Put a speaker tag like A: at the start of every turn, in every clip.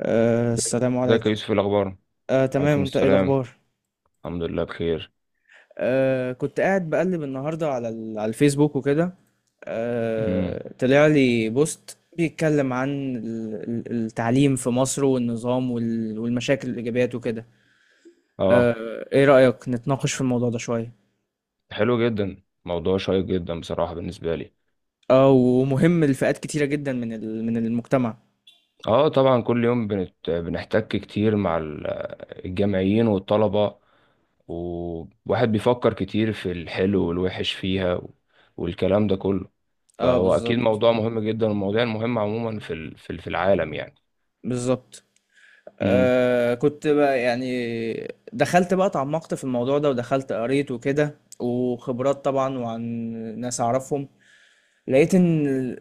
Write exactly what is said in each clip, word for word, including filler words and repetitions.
A: أه
B: ازيك
A: السلام
B: ازيك يا
A: عليكم.
B: يوسف، إيه الاخبار؟
A: أه تمام،
B: وعليكم
A: انت ايه
B: السلام.
A: الاخبار؟
B: الحمد لله بخير.
A: أه كنت قاعد بقلب النهارده على ال- على الفيسبوك وكده.
B: امم.
A: أه طلع لي بوست بيتكلم عن ال- ال- التعليم في مصر والنظام وال- والمشاكل والايجابيات وكده.
B: اه،
A: أه ايه رأيك نتناقش في الموضوع ده شوية؟
B: حلو جدا، موضوع شيق جدا بصراحه بالنسبه لي.
A: اه، ومهم لفئات كتيرة جدا من ال- من المجتمع.
B: اه، طبعا كل يوم بنت... بنحتك كتير مع ال- الجامعيين والطلبه، وواحد بيفكر كتير في الحلو والوحش فيها والكلام ده كله،
A: اه،
B: فهو اكيد
A: بالظبط،
B: موضوع مهم جدا. المواضيع المهمه عموما في ال... في ال- في العالم
A: بالظبط.
B: يعني.
A: آه كنت بقى يعني دخلت بقى اتعمقت في الموضوع ده، ودخلت قريت وكده، وخبرات طبعا، وعن ناس اعرفهم. لقيت ان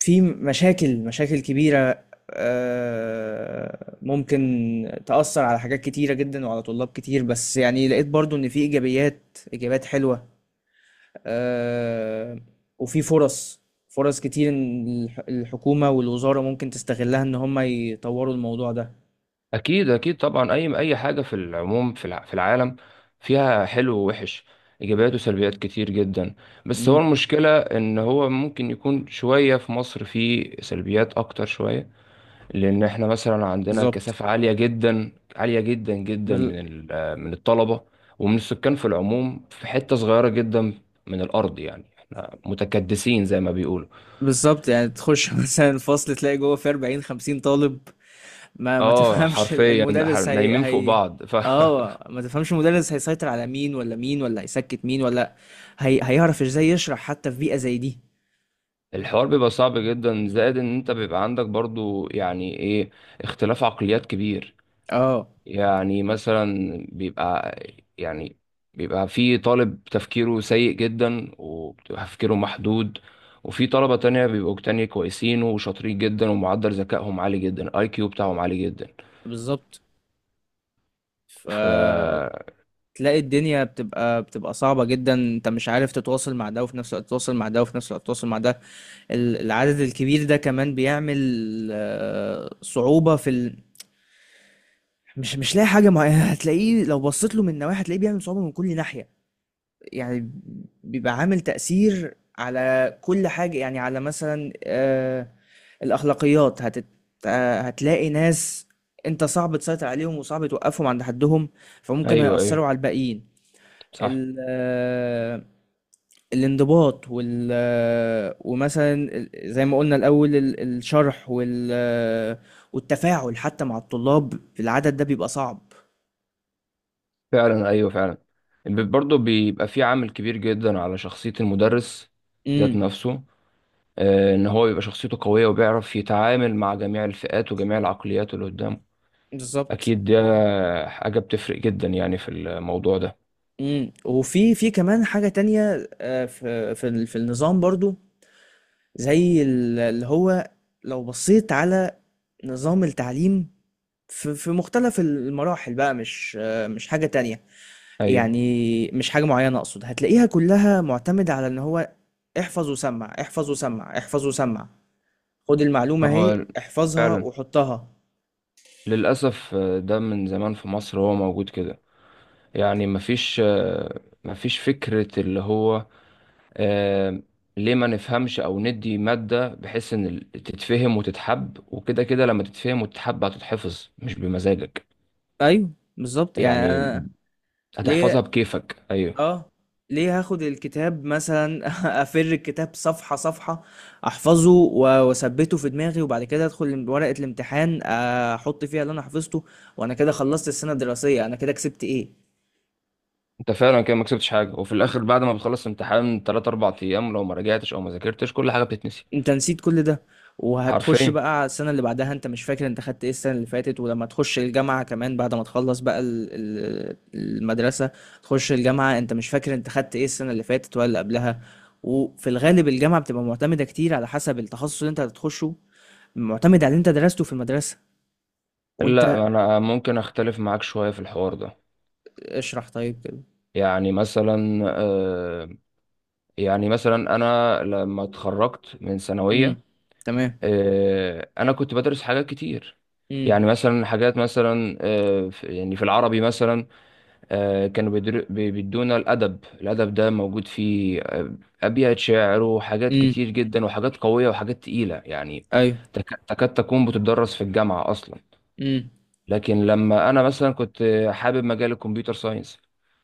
A: في مشاكل، مشاكل كبيرة. آه ممكن تأثر على حاجات كتيرة جدا وعلى طلاب كتير، بس يعني لقيت برضو ان في ايجابيات، ايجابيات حلوة. آه وفي فرص، فرص كتير إن الح- الحكومة والوزارة ممكن تستغلها ان هم يطوروا الموضوع ده.
B: اكيد اكيد طبعا، اي اي حاجه في العموم في الع- في العالم فيها حلو ووحش، ايجابيات وسلبيات كتير جدا. بس هو
A: مم.
B: المشكله ان هو ممكن يكون شويه في مصر في سلبيات اكتر شويه، لان احنا مثلا عندنا
A: بالظبط.
B: كثافه عاليه جدا، عاليه جدا جدا،
A: بال-
B: من ال- من الطلبه ومن السكان في العموم في حته صغيره جدا من الارض، يعني احنا متكدسين زي ما بيقولوا.
A: بالظبط، يعني تخش مثلا الفصل تلاقي جوه في أربعين خمسين طالب. ما ما
B: اه
A: تفهمش ال-
B: حرفيا، ح-
A: المدرس هي
B: نايمين فوق
A: هي
B: بعض ف
A: اه، ما تفهمش المدرس هيسيطر على مين ولا مين، ولا هيسكت مين، ولا هي هيعرف ازاي يشرح حتى في بيئة زي دي.
B: الحوار بيبقى صعب جدا، زائد ان انت بيبقى عندك برضو يعني ايه اختلاف عقليات كبير.
A: اه،
B: يعني مثلا بيبقى يعني بيبقى في طالب تفكيره سيء جدا وبتبقى تفكيره محدود، وفي طلبة تانية بيبقوا تانية كويسين وشاطرين جدا ومعدل ذكائهم عالي جدا، الاي كيو بتاعهم عالي جدا.
A: بالظبط.
B: ف
A: فتلاقي الدنيا بتبقى بتبقى صعبة جدا، انت مش عارف تتواصل مع ده وفي نفس الوقت تتواصل مع ده وفي نفس الوقت تتواصل مع ده. ال- العدد الكبير ده كمان بيعمل آه، صعوبة في ال... مش مش لاقي حاجه، ما هتلاقيه لو بصيت له من نواحي، هتلاقيه بيعمل صعوبه من كل ناحيه. يعني بيبقى عامل تاثير على كل حاجه، يعني على مثلا، آه الاخلاقيات هتت... آه هتلاقي ناس انت صعب تسيطر عليهم وصعب توقفهم عند حدهم، فممكن
B: ايوه ايوه،
A: هيأثروا على الباقيين.
B: صح.
A: ال... آه الانضباط وال آه، ومثلا ال- زي ما قلنا الاول ال- الشرح وال آه، والتفاعل حتى مع الطلاب في العدد ده بيبقى صعب.
B: فعلا، ايوه فعلا. برضه بيبقى في عامل كبير جدا على شخصية المدرس ذات
A: امم.
B: نفسه. آه، ان هو يبقى شخصيته قوية وبيعرف يتعامل مع جميع الفئات وجميع العقليات اللي قدامه.
A: بالظبط.
B: اكيد دي حاجة بتفرق جدا يعني في الموضوع ده.
A: امم، وفي في كمان حاجة تانية، آه، في في ال- في النظام برضو، زي ال- اللي هو لو بصيت على نظام التعليم في في مختلف المراحل بقى، مش آه، مش حاجة تانية،
B: ايوه،
A: يعني مش حاجة معينة أقصد، هتلاقيها كلها معتمدة على إن هو احفظ وسمع، احفظ وسمع، احفظ وسمع. خد المعلومة اهي،
B: هو
A: احفظها
B: فعلا
A: وحطها.
B: للأسف آه، ده من زمان في مصر هو موجود كده. يعني مفيش آه، مفيش فكرة اللي هو آه، ليه ما نفهمش، أو ندي مادة بحيث إن ال- تتفهم وتتحب، وكده كده لما تتفهم وتتحب هتتحفظ مش بمزاجك،
A: أيوه، بالظبط، يعني
B: يعني
A: أنا
B: هتحفظها
A: ليه؟
B: بكيفك. أيوه.
A: آه، ليه هاخد الكتاب مثلًا أفِر الكتاب صفحة، صفحة، أحفظه، و وأثبّته في دماغي، وبعد كده أدخل ال ورقة الامتحان أحُط فيها اللي أنا حفظته، وأنا كده خلّصت السَنة الدراسية. أنا كده كسبت إيه؟
B: انت فعلا كده ما كسبتش حاجه، وفي الاخر بعد ما بتخلص امتحان تلاتة اربعة ايام لو ما رجعتش او ما ذاكرتش كل حاجه بتتنسي.
A: أنت نسيت كل ده، وهتخُش
B: حرفيا.
A: بقى على السَنة اللي بعدها أنت مش فاكر أنت خدت إيه السَنة اللي فاتت. ولمّا تخُش الجامعة كمان بعد ما تخلّص بقى ال ال المدرسة، تخُش الجامعة أنت مش فاكر أنت خدت إيه السَنة اللي فاتت ولا اللي قبلها. وفي الغالب الجامعة بتبقى مُعتمدة كتير على حسب التخصُّص اللي أنت هتخُشه، معتمد على اللي انت درسته في المدرسة. وانت
B: لا، انا ممكن اختلف معاك شويه في الحوار ده.
A: اشرح طيب كده.
B: يعني مثلا آه، يعني مثلا انا لما اتخرجت من ثانويه،
A: امم. تمام.
B: آه، انا كنت بدرس حاجات كتير،
A: امم.
B: يعني مثلا حاجات مثلا آه، في- يعني في العربي مثلا آه، كانوا بيدر- بي- بيدونا الأدب الأدب ده موجود فيه آه، أبيات شعر وحاجات
A: امم.
B: كتير جدا، وحاجات قوية وحاجات تقيلة، يعني
A: ايوه.
B: تك- تكاد تكون بتدرس في الجامعة أصلا.
A: امم.
B: لكن لما أنا مثلا كنت آه، حابب مجال الكمبيوتر ساينس،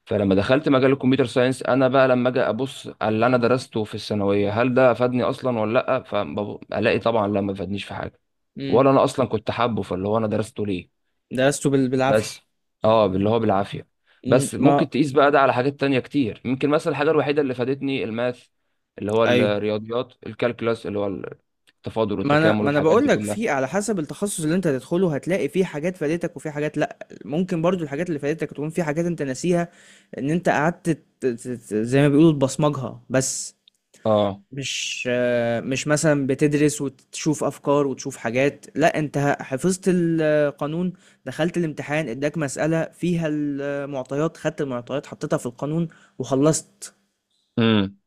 B: فلما دخلت مجال الكمبيوتر ساينس أنا بقى لما أجي أبص على اللي أنا درسته في الثانوية، هل ده أفادني أصلا ولا لأ؟ فألاقي طبعا لا، ما فادنيش في حاجة،
A: امم.
B: ولا أنا أصلا كنت حابه، فاللي هو أنا درسته ليه؟
A: درسته بال... بالعافية.
B: بس اه، اللي هو بالعافية.
A: م-
B: بس
A: ما
B: ممكن تقيس بقى ده على حاجات تانية كتير، ممكن مثلا الحاجة الوحيدة اللي فادتني الماث، اللي هو
A: ايوه،
B: الرياضيات، الكالكلاس اللي هو التفاضل
A: ما انا
B: والتكامل
A: ما انا
B: والحاجات
A: بقول
B: دي
A: لك في
B: كلها.
A: على حسب التخصص اللي انت هتدخله، هتلاقي في حاجات فادتك وفي حاجات لا، ممكن برضو الحاجات اللي فادتك تكون في حاجات انت ناسيها، ان انت قعدت ت- ت- ت- زي ما بيقولوا تبصمجها بس.
B: اه.
A: مش آه، مش مثلا بتدرس وتشوف افكار وتشوف حاجات، لا انت حفظت القانون، دخلت الامتحان اداك مسألة فيها المعطيات، خدت المعطيات حطيتها في القانون وخلصت.
B: امم.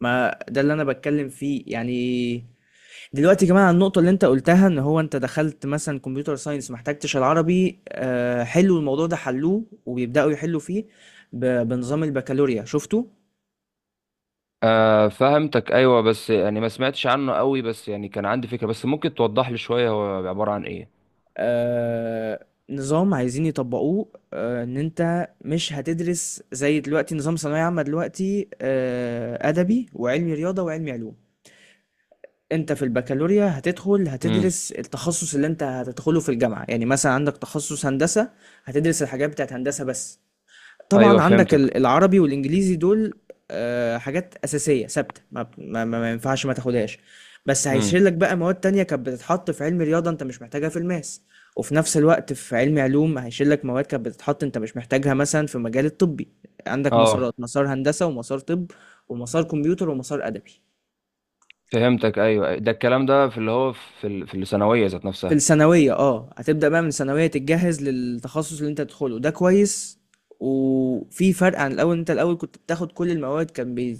A: ما ده اللي انا بتكلم فيه يعني. دلوقتي كمان على النقطة اللي انت قلتها، ان هو انت دخلت مثلا كمبيوتر ساينس محتاجتش العربي، آه، حلوا الموضوع ده، حلوه وبيبدأوا يحلوا فيه ب- بنظام البكالوريا، شفته؟
B: آه، فهمتك. ايوه، بس يعني ما سمعتش عنه قوي، بس يعني كان عندي فكرة، بس ممكن توضح لي شوية هو عبارة عن ايه؟
A: آه، نظام عايزين يطبقوه، آه، ان انت مش هتدرس زي دلوقتي نظام ثانوية عامة دلوقتي، آه، ادبي وعلمي رياضة وعلمي علوم. انت في البكالوريا هتدخل
B: امم.
A: هتدرس التخصص اللي انت هتدخله في الجامعة، يعني مثلا عندك تخصص هندسة، هتدرس الحاجات بتاعت هندسة بس. طبعا
B: ايوه،
A: عندك
B: فهمتك.
A: ال- العربي والانجليزي دول آه، حاجات اساسيه ثابته، ما, بت- ما, ما ما ينفعش ما تاخدهاش. بس هيشيل
B: امم.
A: لك بقى مواد تانية كانت بتتحط في علم رياضه انت مش محتاجها في الماس، وفي نفس الوقت في علم علوم هيشيل لك مواد كانت بتتحط انت مش محتاجها مثلا في مجال الطبي. عندك
B: اه،
A: مسارات، مسار هندسه ومسار طب ومسار كمبيوتر ومسار ادبي.
B: فهمتك. ايوه، ده الكلام ده في اللي هو في ال- في الثانوية ذات
A: في
B: نفسها.
A: الثانوية اه، هتبدأ بقى من الثانوية تتجهز للتخصص اللي انت تدخله، ده كويس. وفي فرق عن الأول، انت الأول كنت بتاخد كل المواد، كان بي...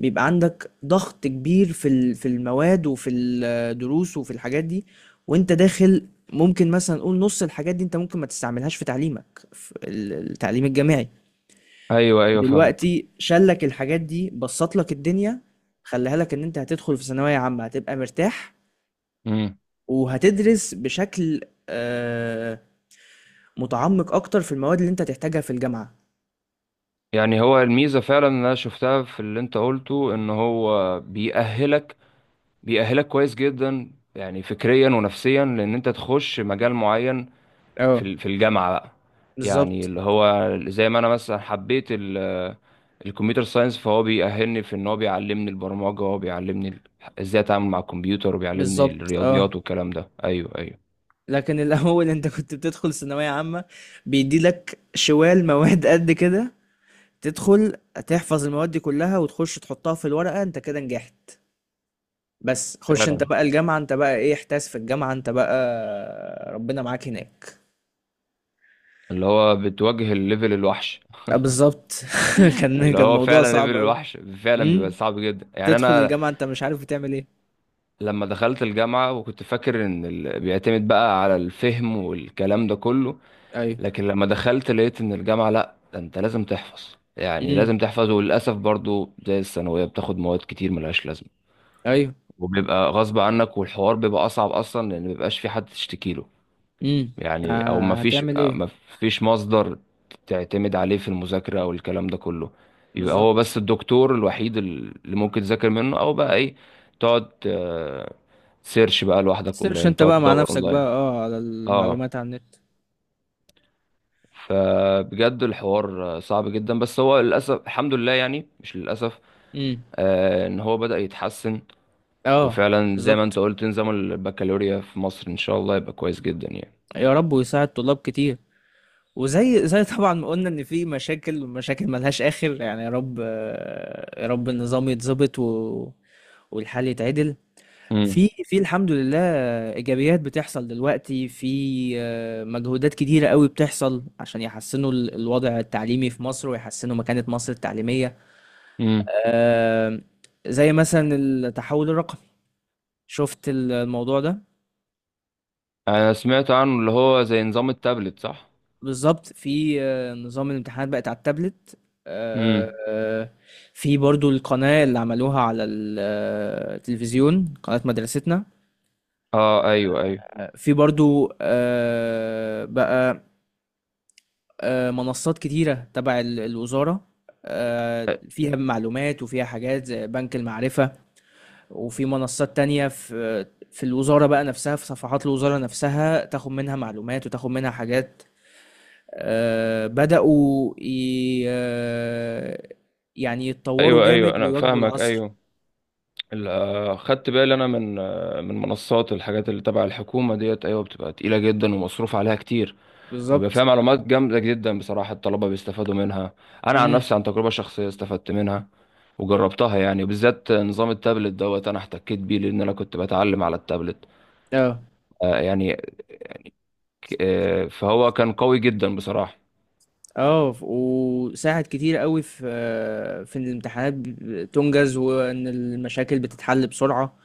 A: بيبقى عندك ضغط كبير في ال... في المواد وفي الدروس وفي الحاجات دي وانت داخل. ممكن مثلا نقول نص الحاجات دي انت ممكن ما تستعملهاش في تعليمك في ال- التعليم الجامعي.
B: ايوه ايوه، فاهمك.
A: دلوقتي شالك الحاجات دي، بسط لك الدنيا، خليها لك ان انت هتدخل في ثانوية عامة هتبقى مرتاح،
B: مم.
A: وهتدرس بشكل آه، متعمق اكتر في المواد اللي انت هتحتاجها في الجامعة.
B: يعني هو الميزة فعلا اللي أنا شفتها في اللي أنت قلته إن هو بيأهلك بيأهلك كويس جدا يعني فكريا ونفسيا، لأن أنت تخش مجال معين في
A: اه
B: ال- في الجامعة بقى، يعني
A: بالظبط.
B: اللي هو زي ما أنا مثلا حبيت ال- الكمبيوتر ساينس، فهو بيأهلني في إن هو بيعلمني البرمجة، وهو بيعلمني ال- إزاي أتعامل مع الكمبيوتر، وبيعلمني
A: بالظبط. اه،
B: الرياضيات والكلام ده. أيوه أيوه.
A: لكن الاول انت كنت بتدخل ثانوية عامة بيدي لك شوال مواد قد كده، تدخل تحفظ المواد دي كلها وتخش تحطها في الورقة انت كده نجحت. بس خش انت
B: فعلا،
A: بقى الجامعة، انت بقى ايه، احتاس في الجامعة انت بقى ربنا معاك هناك.
B: اللي هو بتواجه الليفل الوحش.
A: اه بالظبط. كان
B: اللي
A: كان
B: هو
A: موضوع
B: فعلا
A: صعب
B: ليفل
A: قوي.
B: الوحش، فعلا بيبقى
A: امم.
B: صعب جدا يعني
A: تدخل
B: انا
A: الجامعة انت مش عارف بتعمل ايه.
B: لما دخلت الجامعة وكنت فاكر إن ال... بيعتمد بقى على الفهم والكلام ده كله،
A: ايوه.
B: لكن لما دخلت لقيت إن الجامعة لأ، ده أنت لازم تحفظ، يعني
A: امم.
B: لازم تحفظ. وللأسف برضو زي الثانوية بتاخد مواد كتير ملهاش لازمة،
A: ايوه.
B: وبيبقى غصب عنك، والحوار بيبقى أصعب أصلا لأن مبيبقاش في حد تشتكيله.
A: امم.
B: يعني او
A: آه،
B: ما فيش
A: هتعمل ايه؟
B: ما فيش مصدر تعتمد عليه في المذاكره او الكلام ده كله. يبقى هو
A: بالظبط.
B: بس الدكتور الوحيد اللي ممكن تذاكر منه، او بقى ايه، تقعد سيرش بقى لوحدك
A: سيرش
B: اونلاين،
A: انت
B: تقعد
A: بقى مع
B: تدور
A: نفسك بقى
B: اونلاين.
A: اه على
B: اه.
A: المعلومات على النت.
B: فبجد الحوار آه، صعب جدا، بس هو للاسف الحمد لله، يعني مش للاسف،
A: امم.
B: آه ان هو بدأ يتحسن.
A: اه،
B: وفعلا زي ما انت
A: بالظبط.
B: قلت نظام البكالوريا في مصر ان شاء الله يبقى كويس جدا يعني.
A: يا رب ويساعد طلاب كتير. وزي زي طبعا ما قلنا ان في مشاكل، ومشاكل ملهاش اخر يعني. يا رب، آه، يا رب النظام يتظبط و... والحل يتعدل. في في الحمد لله ايجابيات بتحصل دلوقتي، في آه، مجهودات كتيره قوي بتحصل عشان يحسنوا ال- الوضع التعليمي في مصر ويحسنوا مكانه مصر التعليميه.
B: امم.
A: آه، زي مثلا التحول الرقمي، شفت ال- الموضوع ده؟
B: انا سمعت عنه، اللي هو زي نظام التابلت، صح؟
A: بالظبط، في آه، نظام الامتحانات بقت على التابلت. آه،
B: امم.
A: آه، في برضو القناة اللي عملوها على ال- آه، التلفزيون، قناة مدرستنا.
B: اه، ايوه ايوه.
A: آه، في برضو آه، بقى آه، منصات كتيرة تبع ال- الوزارة، آه، فيها معلومات وفيها حاجات زي بنك المعرفة. وفي منصات تانية في في الوزارة بقى نفسها، في صفحات الوزارة نفسها تاخد منها معلومات وتاخد منها حاجات. آه، بدأوا ي... آه، يعني يتطوروا
B: ايوه ايوه،
A: جامد
B: انا
A: ويواكبوا
B: فاهمك
A: العصر.
B: ايوه. ال- آه، خدت بالي انا من آه، من منصات الحاجات اللي تبع الحكومه ديت، ايوه بتبقى تقيله جدا ومصروف عليها كتير، وبيبقى فيها
A: بالظبط.
B: معلومات جامده جدا بصراحه، الطلبه بيستفادوا منها. انا عن
A: امم.
B: نفسي عن تجربه شخصيه استفدت منها وجربتها، يعني بالذات نظام التابلت دوت انا احتكيت بيه لان انا كنت بتعلم على التابلت.
A: اه.
B: آه يعني آه فهو كان قوي جدا بصراحه.
A: اه، ف- وساعد كتير قوي في آه، في إن الامتحانات ب- تنجز، وان المشاكل بتتحل بسرعة.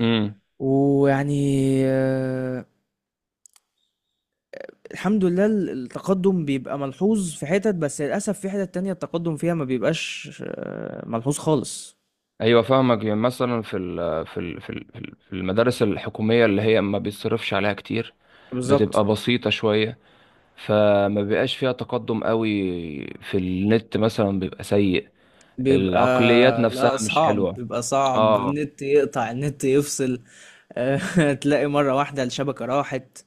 B: امم.
A: ويعني، آه، الحمد لله ال- التقدم بيبقى ملحوظ في حتت، بس للأسف في حتت تانية التقدم فيها ما بيبقاش آه، ملحوظ خالص.
B: ايوه، فاهمك. يعني مثلا في ال في ال في ال- في ال- في المدارس الحكوميه اللي هي ما بيتصرفش عليها كتير،
A: بالظبط.
B: بتبقى بسيطه شويه، فما بيبقاش فيها تقدم قوي، في النت مثلا بيبقى سيء،
A: بيبقى،
B: العقليات نفسها
A: لا
B: مش
A: صعب،
B: حلوه.
A: بيبقى صعب،
B: اه،
A: النت يقطع، النت يفصل. تلاقي مرة واحدة الشبكة راحت.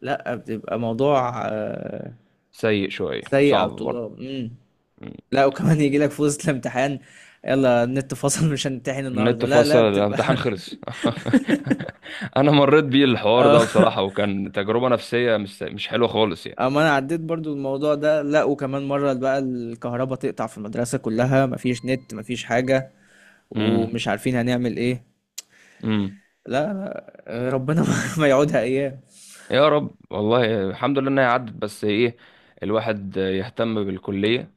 A: لا بتبقى موضوع آه،
B: سيء شويه،
A: سيء على
B: صعب برضه.
A: الطلاب. مم.
B: م.
A: لا، وكمان يجي لك في وسط الامتحان، يلا النت فصل مش هنمتحن النهاردة،
B: النت
A: لا
B: فصل،
A: لا بتبقى
B: الامتحان خلص. انا مريت بيه الحوار ده
A: اه،
B: بصراحه، وكان تجربه نفسيه مش مش حلوه خالص يعني.
A: اما انا عديت برضو الموضوع ده، لا وكمان مرة بقى الكهرباء تقطع في المدرسة كلها، مفيش نت مفيش حاجة،
B: امم.
A: ومش عارفين هنعمل ايه.
B: امم.
A: لا لا، آه، ربنا ما يعودها ايام.
B: يا رب، والله الحمد لله انها عدت. بس ايه، الواحد يهتم بالكلية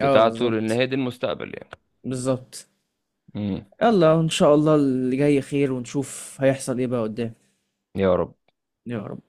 A: اه
B: لان
A: بالظبط.
B: هي دي المستقبل يعني.
A: بالظبط.
B: امم.
A: يلا ان شاء الله اللي جاي خير، ونشوف هيحصل ايه بقى قدام.
B: يا رب.
A: يا رب.